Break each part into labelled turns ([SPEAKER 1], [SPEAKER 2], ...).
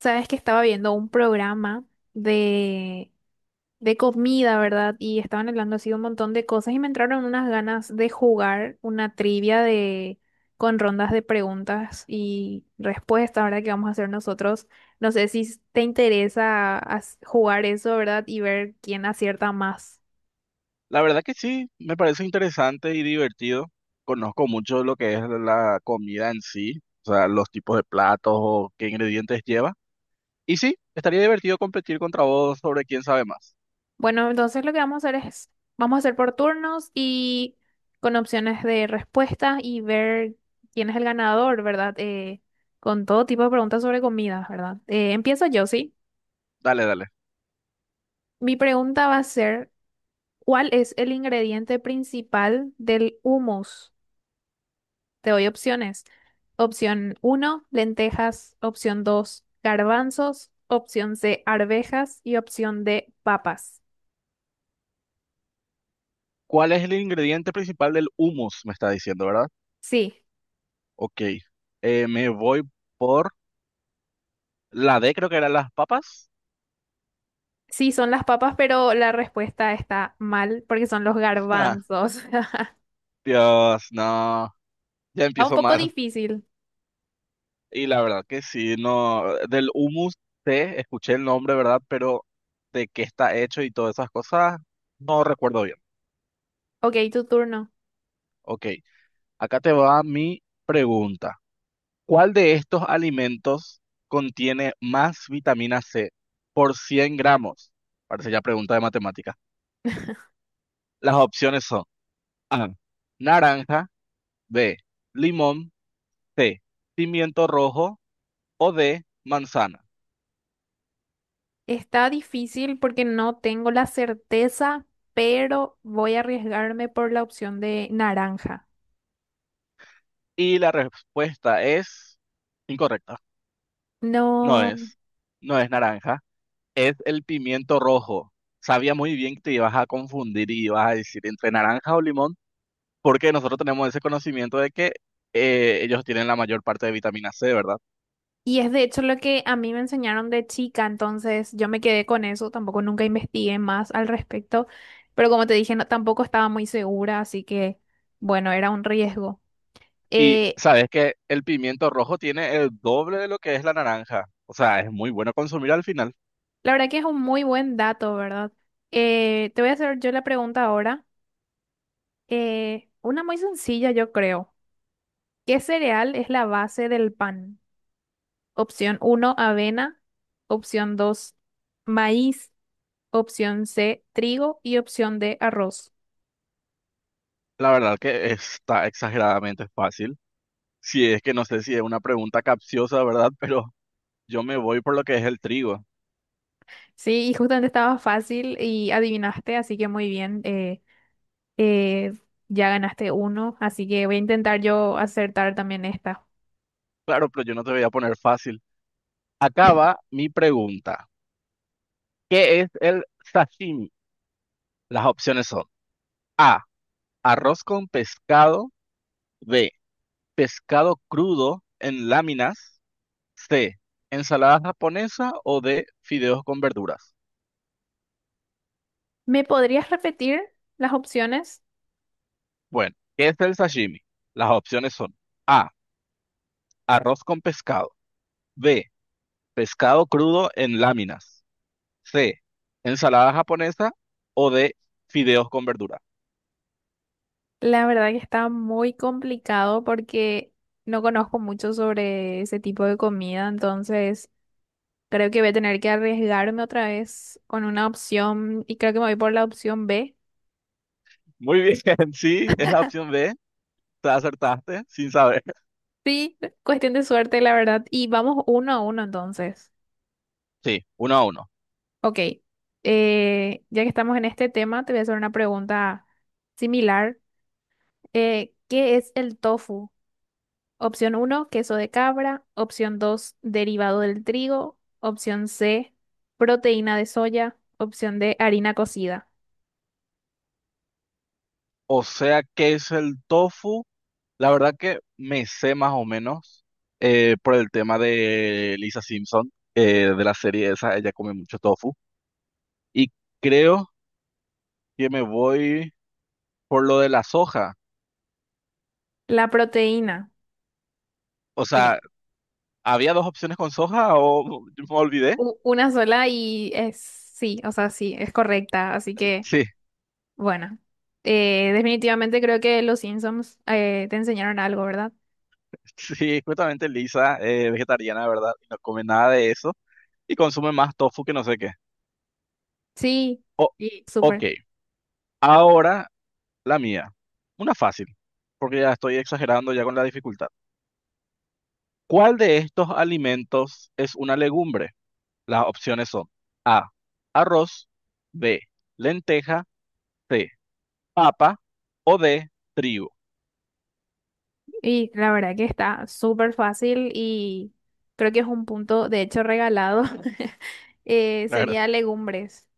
[SPEAKER 1] Sabes que estaba viendo un programa de, de comida, ¿verdad? Y estaban hablando así de un montón de cosas y me entraron unas ganas de jugar una trivia de con rondas de preguntas y respuestas, ¿verdad? Que vamos a hacer nosotros. No sé si te interesa jugar eso, ¿verdad? Y ver quién acierta más.
[SPEAKER 2] La verdad que sí, me parece interesante y divertido. Conozco mucho lo que es la comida en sí, o sea, los tipos de platos o qué ingredientes lleva. Y sí, estaría divertido competir contra vos sobre quién sabe más.
[SPEAKER 1] Bueno, entonces lo que vamos a hacer es, vamos a hacer por turnos y con opciones de respuestas y ver quién es el ganador, ¿verdad? Con todo tipo de preguntas sobre comidas, ¿verdad? Empiezo yo, ¿sí?
[SPEAKER 2] Dale, dale.
[SPEAKER 1] Mi pregunta va a ser, ¿cuál es el ingrediente principal del hummus? Te doy opciones. Opción uno, lentejas. Opción dos, garbanzos. Opción C, arvejas. Y opción D, papas.
[SPEAKER 2] ¿Cuál es el ingrediente principal del hummus? Me está diciendo, ¿verdad?
[SPEAKER 1] Sí.
[SPEAKER 2] Ok. Me voy por la D, creo que eran las papas.
[SPEAKER 1] Sí, son las papas, pero la respuesta está mal porque son los garbanzos.
[SPEAKER 2] Dios, no. Ya
[SPEAKER 1] Está un
[SPEAKER 2] empiezo
[SPEAKER 1] poco
[SPEAKER 2] mal.
[SPEAKER 1] difícil.
[SPEAKER 2] Y la verdad que sí, no, del humus té, escuché el nombre, ¿verdad? Pero de qué está hecho y todas esas cosas, no recuerdo bien.
[SPEAKER 1] Ok, tu turno.
[SPEAKER 2] Ok, acá te va mi pregunta. ¿Cuál de estos alimentos contiene más vitamina C por 100 gramos? Parece ya pregunta de matemática. Las opciones son A, naranja, B, limón, C, pimiento rojo o D, manzana.
[SPEAKER 1] Está difícil porque no tengo la certeza, pero voy a arriesgarme por la opción de naranja.
[SPEAKER 2] Y la respuesta es incorrecta. No
[SPEAKER 1] No.
[SPEAKER 2] es, no es naranja, es el pimiento rojo. Sabía muy bien que te ibas a confundir y ibas a decir entre naranja o limón, porque nosotros tenemos ese conocimiento de que ellos tienen la mayor parte de vitamina C, ¿verdad?
[SPEAKER 1] Y es de hecho lo que a mí me enseñaron de chica, entonces yo me quedé con eso, tampoco nunca investigué más al respecto, pero como te dije, tampoco estaba muy segura, así que bueno, era un riesgo.
[SPEAKER 2] Y
[SPEAKER 1] Eh,
[SPEAKER 2] sabes que el pimiento rojo tiene el doble de lo que es la naranja. O sea, es muy bueno consumir al final.
[SPEAKER 1] La verdad que es un muy buen dato, ¿verdad? Te voy a hacer yo la pregunta ahora. Una muy sencilla, yo creo. ¿Qué cereal es la base del pan? Opción uno, avena. Opción dos, maíz. Opción C, trigo. Y opción D, arroz.
[SPEAKER 2] La verdad que está exageradamente fácil. Si es que no sé si es una pregunta capciosa, ¿verdad? Pero yo me voy por lo que es el trigo.
[SPEAKER 1] Sí, y justamente estaba fácil y adivinaste, así que muy bien. Eh, ya ganaste uno, así que voy a intentar yo acertar también esta.
[SPEAKER 2] Claro, pero yo no te voy a poner fácil. Acaba mi pregunta. ¿Qué es el sashimi? Las opciones son A, arroz con pescado, B, pescado crudo en láminas, C, ensalada japonesa o D, fideos con verduras.
[SPEAKER 1] ¿Me podrías repetir las opciones?
[SPEAKER 2] Bueno, ¿qué es el sashimi? Las opciones son A, arroz con pescado, B, pescado crudo en láminas, C, ensalada japonesa o D, fideos con verduras.
[SPEAKER 1] La verdad que está muy complicado porque no conozco mucho sobre ese tipo de comida, entonces creo que voy a tener que arriesgarme otra vez con una opción y creo que me voy por la opción B.
[SPEAKER 2] Muy bien, sí, es la opción B, te acertaste sin saber.
[SPEAKER 1] Sí, cuestión de suerte, la verdad. Y vamos uno a uno entonces.
[SPEAKER 2] Sí, uno a uno.
[SPEAKER 1] Ok, ya que estamos en este tema, te voy a hacer una pregunta similar. ¿Qué es el tofu? Opción uno, queso de cabra. Opción dos, derivado del trigo. Opción C, proteína de soya. Opción D, harina cocida.
[SPEAKER 2] O sea, ¿qué es el tofu? La verdad que me sé más o menos por el tema de Lisa Simpson, de la serie esa, ella come mucho tofu. Y creo que me voy por lo de la soja.
[SPEAKER 1] La proteína.
[SPEAKER 2] O sea,
[SPEAKER 1] Bien.
[SPEAKER 2] ¿había dos opciones con soja o yo me olvidé?
[SPEAKER 1] Una sola y es sí, o sea, sí, es correcta. Así que,
[SPEAKER 2] Sí,
[SPEAKER 1] bueno, definitivamente creo que los Simpsons te enseñaron algo, ¿verdad?
[SPEAKER 2] sí, justamente Lisa es vegetariana, ¿verdad? Y no come nada de eso y consume más tofu que no sé qué.
[SPEAKER 1] Sí,
[SPEAKER 2] O-
[SPEAKER 1] sí.
[SPEAKER 2] ok,
[SPEAKER 1] Súper.
[SPEAKER 2] ahora la mía. Una fácil, porque ya estoy exagerando ya con la dificultad. ¿Cuál de estos alimentos es una legumbre? Las opciones son A, arroz, B, lenteja, C, papa o D, trigo.
[SPEAKER 1] Y la verdad que está súper fácil y creo que es un punto, de hecho, regalado.
[SPEAKER 2] Claro.
[SPEAKER 1] Sería legumbres.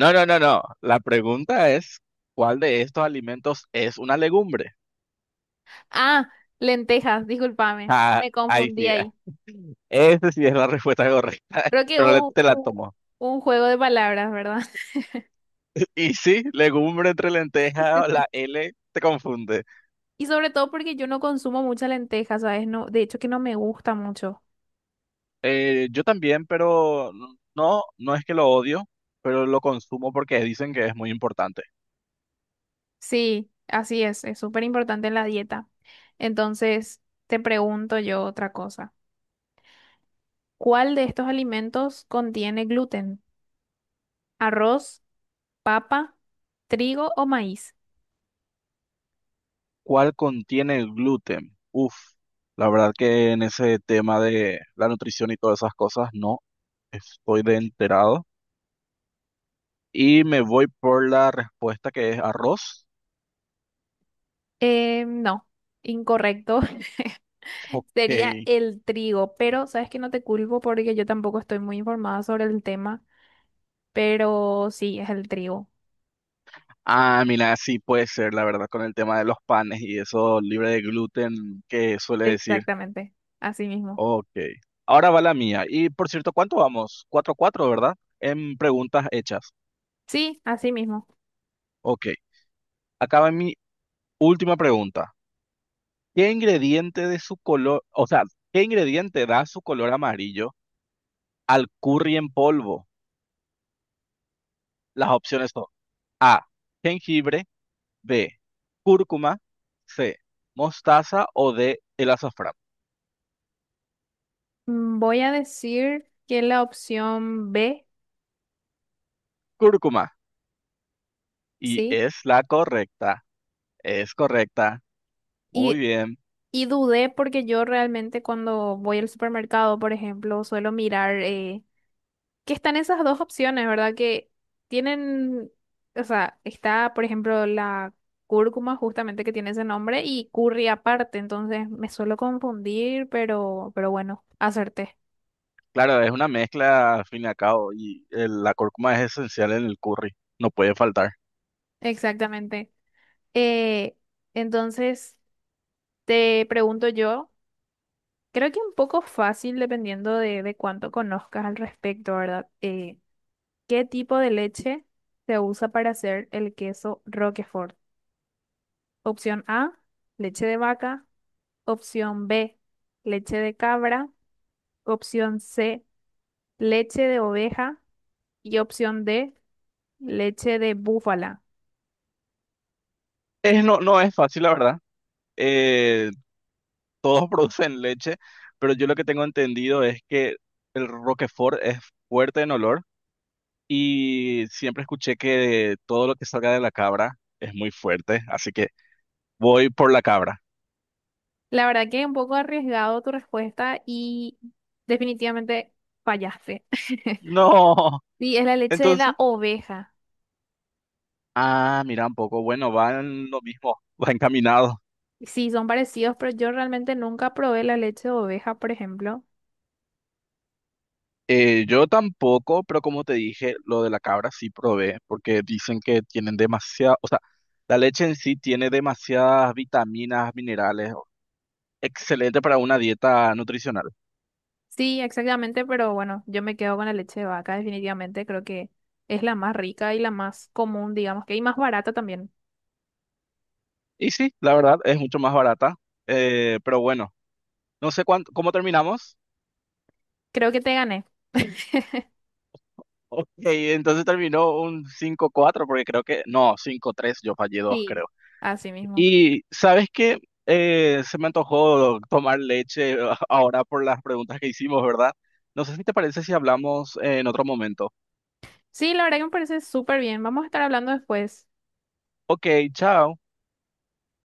[SPEAKER 2] No, no, no, no. La pregunta es, ¿cuál de estos alimentos es una legumbre?
[SPEAKER 1] Ah, lentejas, discúlpame,
[SPEAKER 2] Ah,
[SPEAKER 1] me
[SPEAKER 2] ahí
[SPEAKER 1] confundí
[SPEAKER 2] sí.
[SPEAKER 1] ahí.
[SPEAKER 2] Esa sí es la respuesta correcta,
[SPEAKER 1] Creo que
[SPEAKER 2] pero
[SPEAKER 1] hubo un,
[SPEAKER 2] te la
[SPEAKER 1] un-
[SPEAKER 2] tomo.
[SPEAKER 1] un juego de palabras, ¿verdad?
[SPEAKER 2] Y sí, legumbre entre lenteja, la L te confunde.
[SPEAKER 1] Y sobre todo porque yo no consumo mucha lenteja, ¿sabes? No, de hecho que no me gusta mucho.
[SPEAKER 2] Yo también, pero no, no es que lo odio, pero lo consumo porque dicen que es muy importante.
[SPEAKER 1] Sí, así es súper importante en la dieta. Entonces, te pregunto yo otra cosa. ¿Cuál de estos alimentos contiene gluten? ¿Arroz, papa, trigo o maíz?
[SPEAKER 2] ¿Cuál contiene gluten? Uf, la verdad que en ese tema de la nutrición y todas esas cosas no estoy de enterado. Y me voy por la respuesta que es arroz.
[SPEAKER 1] No, incorrecto. Sería
[SPEAKER 2] Ok.
[SPEAKER 1] el trigo, pero sabes que no te culpo porque yo tampoco estoy muy informada sobre el tema, pero sí, es el trigo.
[SPEAKER 2] Ah, mira, sí puede ser, la verdad, con el tema de los panes y eso libre de gluten que suele decir.
[SPEAKER 1] Exactamente, así mismo.
[SPEAKER 2] Ok. Ahora va la mía. Y por cierto, ¿cuánto vamos? 4 cuatro, ¿verdad? En preguntas hechas.
[SPEAKER 1] Sí, así mismo.
[SPEAKER 2] Ok. Acá va mi última pregunta. ¿Qué ingrediente de su color, o sea, qué ingrediente da su color amarillo al curry en polvo? Las opciones son A, jengibre, B, cúrcuma, C, mostaza o D, el azafrán.
[SPEAKER 1] Voy a decir que la opción B,
[SPEAKER 2] Cúrcuma. Y
[SPEAKER 1] sí,
[SPEAKER 2] es la correcta. Es correcta. Muy
[SPEAKER 1] y,
[SPEAKER 2] bien.
[SPEAKER 1] y dudé porque yo realmente cuando voy al supermercado, por ejemplo, suelo mirar que están esas dos opciones, ¿verdad? Que tienen, o sea, está, por ejemplo, la cúrcuma justamente que tiene ese nombre y curry aparte, entonces me suelo confundir, pero bueno, acerté.
[SPEAKER 2] Claro, es una mezcla al fin y al cabo y la cúrcuma es esencial en el curry, no puede faltar.
[SPEAKER 1] Exactamente. Eh, entonces, te pregunto yo, creo que un poco fácil dependiendo de cuánto conozcas al respecto, ¿verdad? ¿Qué tipo de leche se usa para hacer el queso Roquefort? Opción A, leche de vaca. Opción B, leche de cabra. Opción C, leche de oveja. Y opción D, leche de búfala.
[SPEAKER 2] Es, no, no es fácil, la verdad. Eh, todos producen leche, pero yo lo que tengo entendido es que el Roquefort es fuerte en olor y siempre escuché que todo lo que salga de la cabra es muy fuerte, así que voy por la cabra.
[SPEAKER 1] La verdad que es un poco arriesgado tu respuesta y definitivamente fallaste.
[SPEAKER 2] No,
[SPEAKER 1] Sí, es la leche de la
[SPEAKER 2] entonces,
[SPEAKER 1] oveja.
[SPEAKER 2] ah, mira un poco, bueno, van lo mismo, va encaminado.
[SPEAKER 1] Sí, son parecidos, pero yo realmente nunca probé la leche de oveja, por ejemplo.
[SPEAKER 2] Yo tampoco, pero como te dije, lo de la cabra sí probé, porque dicen que tienen demasiada, o sea, la leche en sí tiene demasiadas vitaminas, minerales, excelente para una dieta nutricional.
[SPEAKER 1] Sí, exactamente, pero bueno, yo me quedo con la leche de vaca, definitivamente. Creo que es la más rica y la más común, digamos que, y más barata también.
[SPEAKER 2] Y sí, la verdad, es mucho más barata, pero bueno, no sé cuánto, ¿cómo terminamos?
[SPEAKER 1] Creo que te gané.
[SPEAKER 2] Ok, entonces terminó un 5-4 porque creo que, no, 5-3 yo fallé dos,
[SPEAKER 1] Sí,
[SPEAKER 2] creo.
[SPEAKER 1] así mismo.
[SPEAKER 2] Y sabes que se me antojó tomar leche ahora por las preguntas que hicimos, ¿verdad? No sé si te parece si hablamos en otro momento.
[SPEAKER 1] Sí, la verdad que me parece súper bien. Vamos a estar hablando después.
[SPEAKER 2] Ok, chao.